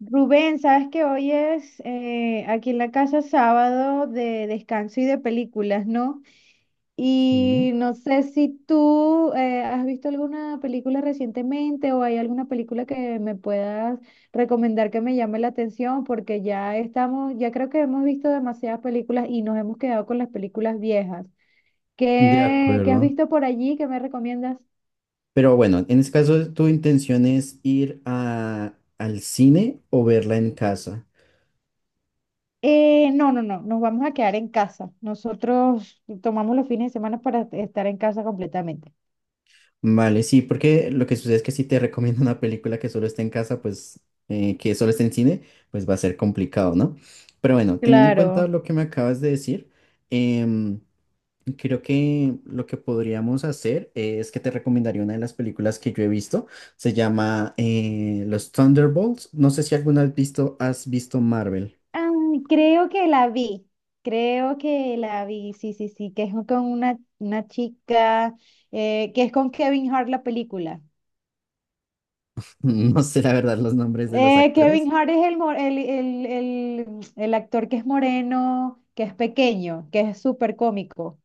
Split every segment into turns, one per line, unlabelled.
Rubén, sabes que hoy es aquí en la casa sábado de descanso y de películas, ¿no?
Sí,
Y no sé si tú has visto alguna película recientemente o hay alguna película que me puedas recomendar que me llame la atención, porque ya estamos, ya creo que hemos visto demasiadas películas y nos hemos quedado con las películas viejas.
de
¿Qué has
acuerdo.
visto por allí? ¿Qué me recomiendas?
Pero bueno, en este caso, ¿tu intención es ir al cine o verla en casa?
No, no, no, nos vamos a quedar en casa. Nosotros tomamos los fines de semana para estar en casa completamente.
Vale, sí, porque lo que sucede es que si te recomiendo una película que solo está en casa, pues que solo está en cine, pues va a ser complicado, ¿no? Pero bueno, teniendo en cuenta
Claro.
lo que me acabas de decir, em, creo que lo que podríamos hacer es que te recomendaría una de las películas que yo he visto. Se llama Los Thunderbolts. No sé si alguna vez visto, has visto Marvel.
Ah, creo que la vi, creo que la vi, sí, sí, sí, que es con una chica, que es con Kevin Hart la película.
No sé la verdad los nombres de los actores.
Kevin Hart es el, mo- el actor que es moreno, que es pequeño, que es súper cómico.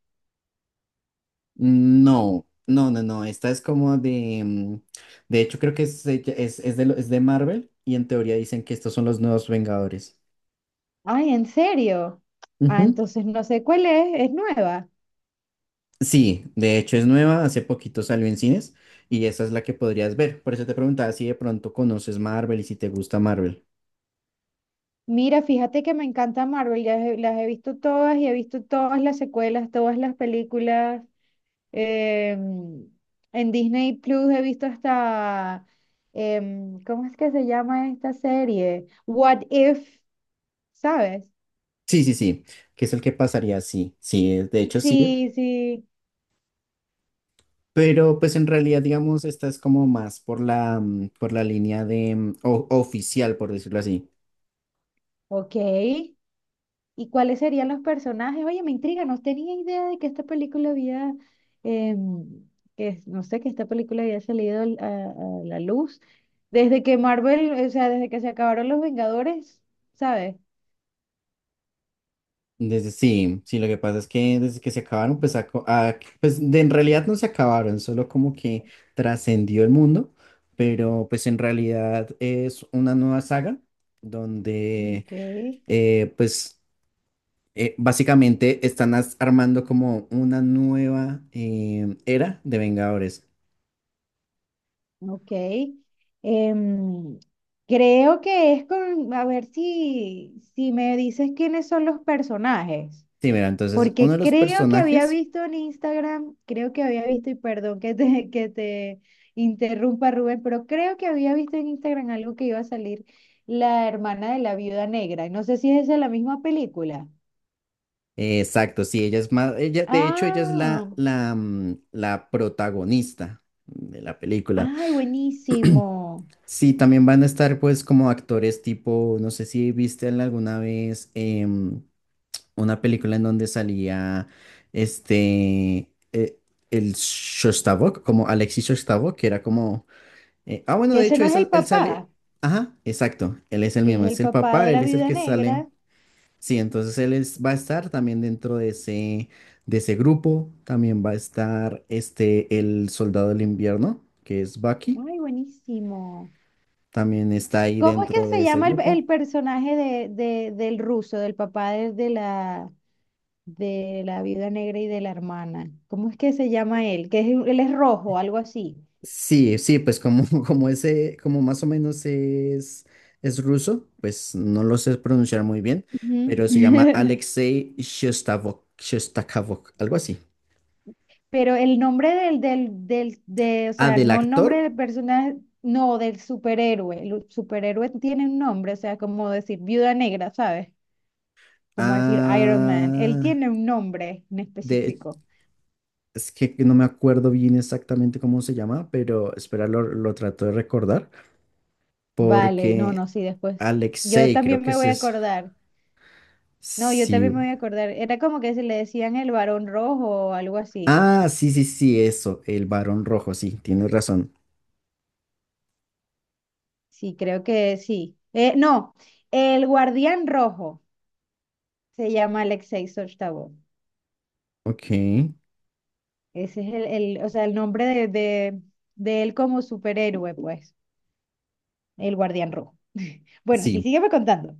No, no, no, no. Esta es como de. De hecho, creo que es, ella- es de, lo- es de Marvel y en teoría dicen que estos son los nuevos Vengadores.
Ay, ¿en serio? Ah,
Ujú.
entonces no sé cuál es nueva.
Sí, de hecho es nueva. Hace poquito salió en cines y esa es la que podrías ver. Por eso te preguntaba si de pronto conoces Marvel y si te gusta Marvel.
Mira, fíjate que me encanta Marvel, las he visto todas y he visto todas las secuelas, todas las películas. em, en Disney Plus he visto hasta, ¿cómo es que se llama esta serie? What If, ¿sabes?
Sí, sí, sí. Que es el que pasaría, sí. Sí, de hecho sí.
Sí, sí,
Pero pues en realidad, digamos, esta es como más por la, por la línea de oficial, por decirlo así.
ok. ¿Y cuáles serían los personajes? Oye, me intriga, no tenía idea de que esta película había, em, no sé, que esta película había salido a la luz. Desde que Marvel, o sea, desde que se acabaron los Vengadores, ¿sabes?
Desde, sí, sí, lo que pasa es que desde que se acabaron, pues en realidad no se acabaron, solo como que trascendió el mundo, pero pues en realidad es una nueva saga donde
Ok,
eh, pues básicamente están armando como una nueva era de Vengadores.
ok. Em, Creo que es con, a ver si, si me dices quiénes son los personajes.
Sí, mira, entonces uno
Porque
de los
creo que había
personajes,
visto en Instagram, creo que había visto, y perdón que te interrumpa Rubén, pero creo que había visto en Instagram algo que iba a salir la hermana de la viuda negra. No sé si es esa la misma película.
exacto, sí, ella es más, ella, de hecho ella es
Ah,
la protagonista de la película.
ay, buenísimo.
Sí, también van a estar pues como actores tipo, no sé si viste alguna vez una película en donde salía este, eh, el Shostakovich, como Alexis Shostakovich, que era como, ah bueno,
Que
de
ese
hecho
no es el
él sale,
papá,
ajá, exacto, él es el
que
mismo,
es el
es el
papá
papá,
de
él
la
es el
viuda
que sale,
negra.
sí, entonces va a estar también dentro de ese grupo, también va a estar este, el soldado del invierno, que es Bucky,
Ay, buenísimo.
también está ahí
¿Cómo es que
dentro de
se
ese
llama
grupo.
el personaje de, del ruso, del papá de la viuda negra y de la hermana. ¿Cómo es que se llama él? Que es, él es rojo, algo así.
Sí, sí, pues como, como ese, como más o menos es ruso, pues no lo sé pronunciar muy bien,
Ujú.
pero se llama Alexei Shostakovich, Shostakovich, algo así.
Pero el nombre del, o
Ah,
sea,
del
no el nombre
actor,
del personaje, no, del superhéroe. El superhéroe tiene un nombre, o sea, como decir viuda negra, ¿sabes? Como decir Iron Man. Él
ah,
tiene un nombre en
de,
específico.
es que no me acuerdo bien exactamente cómo se llama, pero espera, lo trato de recordar,
Vale, no, no,
porque
sí, después. Yo
Alexei, creo
también
que
me
es
voy a
eso.
acordar. No, yo
Sí.
también me voy a acordar. Era como que se le decían el varón rojo o algo así.
Ah, sí, sí, sí, eso, el varón rojo, sí, tienes razón.
Sí, creo que sí. No, el Guardián Rojo se llama Alexei Sojtabov.
Ok.
Ese es el, o sea, el nombre de él como superhéroe, pues, el Guardián Rojo. Bueno, sí,
Sí,
sígueme contando.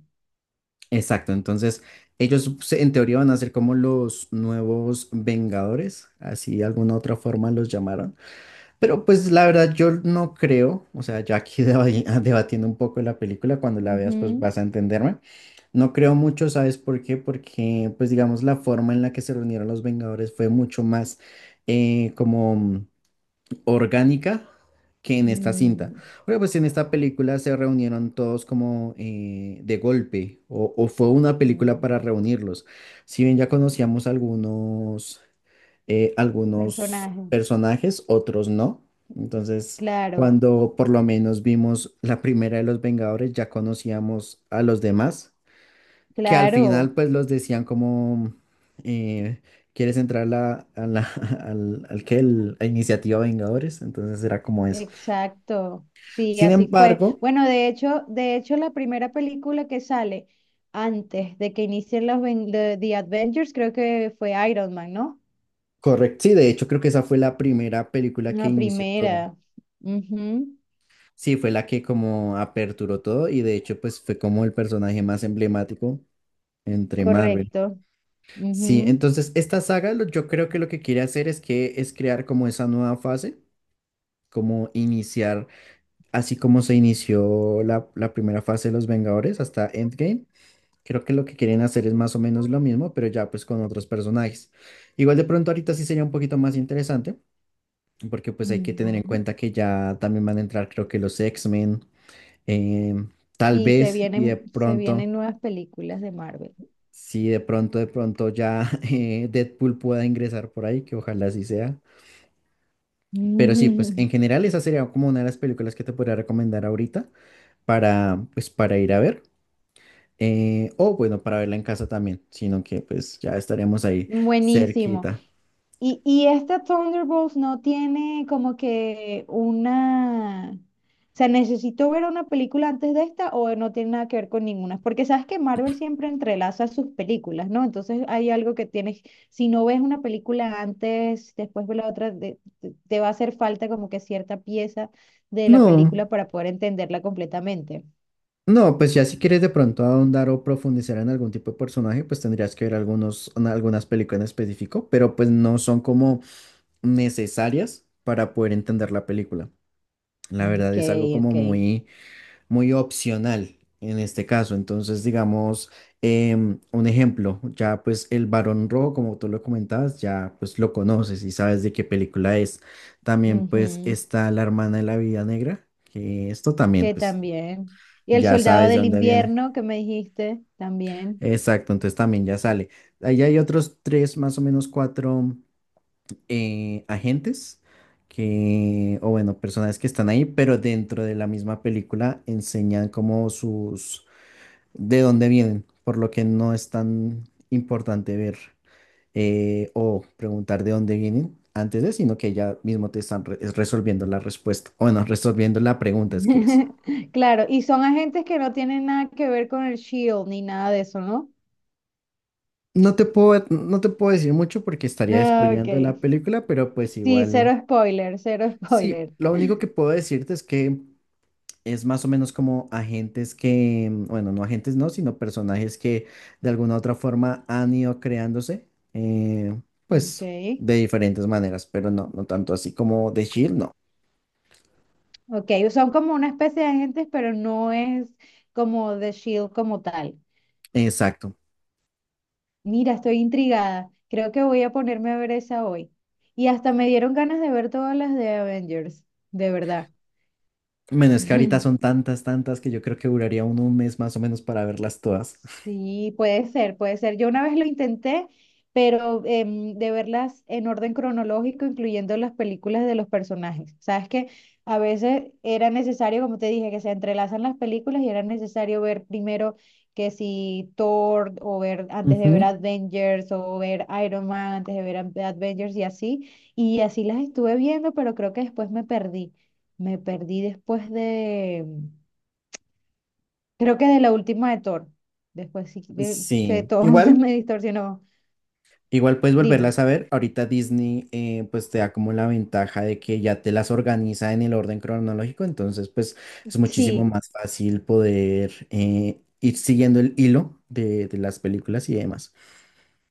exacto, entonces en teoría van a ser como los nuevos Vengadores, así de alguna otra forma los llamaron, pero pues la verdad yo no creo, o sea, ya aquí debatiendo un poco la película, cuando la
Ujú.
veas pues vas a entenderme, no creo mucho, ¿sabes por qué? Porque pues digamos la forma en la que se reunieron los Vengadores fue mucho más como orgánica que en esta cinta.
Mm,
Porque pues en esta película se reunieron todos como de golpe o fue una película
mm.
para reunirlos. Si bien ya conocíamos algunos, algunos
Personaje,
personajes, otros no. Entonces,
claro,
cuando por lo menos vimos la primera de los Vengadores, ya conocíamos a los demás que al final
claro.
pues los decían como, eh, ¿quieres entrar a al, al que el- a Iniciativa Vengadores? Entonces era como eso.
Exacto, sí,
Sin
así fue.
embargo,
Bueno, de hecho, la primera película que sale antes de que inicien los The, The Adventures, creo que fue Iron Man, ¿no?
correcto, sí, de hecho creo que esa fue la primera película que
La
inició todo.
primera. Ujú,
Sí, fue la que como aperturó todo y de hecho pues fue como el personaje más emblemático entre Marvel.
correcto.
Sí,
Ujú,
entonces esta saga, yo creo que lo que quiere hacer es que es crear como esa nueva fase, como iniciar así como se inició la primera fase de los Vengadores hasta Endgame, creo que lo que quieren hacer es más o menos lo mismo, pero ya pues con otros personajes. Igual de pronto ahorita sí sería un poquito más interesante, porque pues hay que tener en
ujú.
cuenta que ya también van a entrar creo que los X-Men, eh, tal
Sí,
vez, y de
se
pronto,
vienen nuevas películas de Marvel.
sí, de pronto ya Deadpool pueda ingresar por ahí, que ojalá así sea. Pero sí, pues en general esa sería como una de las películas que te podría recomendar ahorita para, pues, para ir a ver. O bueno, para verla en casa también, sino que pues ya estaremos ahí
Buenísimo.
cerquita.
Y esta Thunderbolts no tiene como que una... O sea, ¿necesito ver una película antes de esta o no tiene nada que ver con ninguna? Porque sabes que Marvel siempre entrelaza sus películas, ¿no? Entonces hay algo que tienes, si no ves una película antes, después ves la otra, te, te va a hacer falta como que cierta pieza de la
No,
película para poder entenderla completamente.
no, pues ya si quieres de pronto ahondar o profundizar en algún tipo de personaje, pues tendrías que ver algunas películas en específico, pero pues no son como necesarias para poder entender la película. La verdad
Ok,
es algo como
ok.
muy opcional en este caso. Entonces, digamos, un ejemplo, ya pues el Barón Rojo, como tú lo comentabas, ya pues lo conoces y sabes de qué película es. También pues
Ujú.
está La Hermana de la Vida Negra, que esto también
Que
pues
también. Y El
ya
Soldado
sabes de
del
dónde viene.
Invierno que me dijiste, también.
Exacto, entonces también ya sale. Ahí hay otros tres, más o menos cuatro agentes que, o bueno, personas que están ahí, pero dentro de la misma película enseñan como sus de dónde vienen, por lo que no es tan importante ver o preguntar de dónde vienen antes de, sino que ya mismo te están re- es resolviendo la respuesta, o bueno, resolviendo la pregunta es que es.
Claro, y son agentes que no tienen nada que ver con el Shield ni nada de eso, ¿no?
No te puedo decir mucho porque estaría
Ah, ok.
spoileando la película, pero pues
Sí,
igual,
cero spoiler, cero
sí,
spoiler.
lo único que puedo decirte es que es más o menos como agentes que, bueno, no agentes no, sino personajes que de alguna u otra forma han ido creándose, eh,
Ok.
pues de diferentes maneras, pero no, no tanto así como de Shield, no.
Ok, son como una especie de agentes, pero no es como The Shield como tal.
Exacto.
Mira, estoy intrigada. Creo que voy a ponerme a ver esa hoy. Y hasta me dieron ganas de ver todas las de Avengers, de verdad.
Bueno, es que ahorita son tantas, tantas que yo creo que duraría uno un mes más o menos para verlas todas.
Sí, puede ser, puede ser. Yo una vez lo intenté, pero de verlas en orden cronológico, incluyendo las películas de los personajes. Sabes que a veces era necesario, como te dije, que se entrelazan las películas y era necesario ver primero que si Thor o ver antes de ver
Ujú.
Avengers o ver Iron Man antes de ver Avengers y así. Y así las estuve viendo, pero creo que después me perdí. Me perdí después, creo que de la última de Thor. Después sí que se,
Sí,
todo se
igual.
me distorsionó.
Igual puedes
Dime.
volverlas a ver. Ahorita Disney pues te da como la ventaja de que ya te las organiza en el orden cronológico, entonces pues es muchísimo
Sí,
más fácil poder ir siguiendo el hilo de las películas y demás.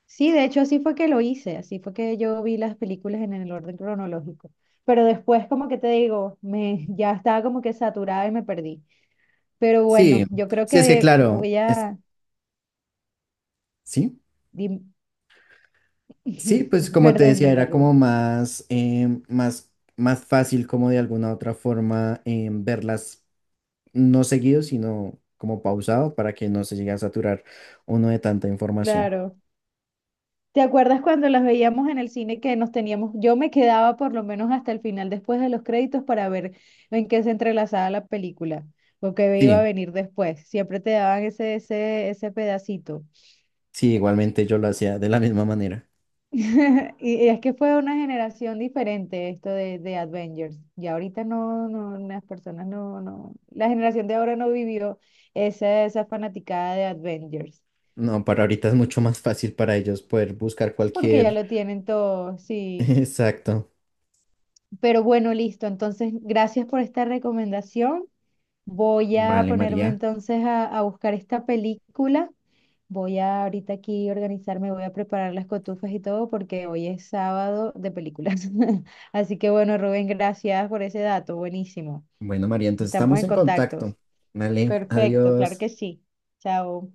sí, de hecho así fue que lo hice. Así fue que yo vi las películas en el orden cronológico. Pero después, como que te digo, me, ya estaba como que saturada y me perdí. Pero
Sí,
bueno, yo creo
sí es que
que
claro,
voy
es,
a...
sí,
dim-
sí, pues como te
Perdón,
decía,
dime,
era como
Rubén.
más fácil como de alguna otra forma verlas no seguido, sino como pausado para que no se llegue a saturar uno de tanta información.
Claro. ¿Te acuerdas cuando las veíamos en el cine que nos teníamos, yo me quedaba por lo menos hasta el final después de los créditos para ver en qué se entrelazaba la película o qué iba a
Sí.
venir después? Siempre te daban ese pedacito.
Sí, igualmente yo lo hacía de la misma manera.
Y es que fue una generación diferente esto de Avengers. Y ahorita no, no, las personas no, no, la generación de ahora no vivió esa, esa fanaticada de Avengers,
No, para ahorita es mucho más fácil para ellos poder buscar
porque ya
cualquier...
lo tienen todo, sí.
Exacto.
Pero bueno, listo. Entonces, gracias por esta recomendación. Voy a
Vale,
ponerme
María.
entonces a buscar esta película. Voy a ahorita aquí organizarme, voy a preparar las cotufas y todo porque hoy es sábado de películas. Así que bueno, Rubén, gracias por ese dato. Buenísimo.
Bueno, María, entonces
Estamos
estamos
en
en contacto.
contactos.
Vale,
Perfecto, claro que
adiós.
sí. Chao.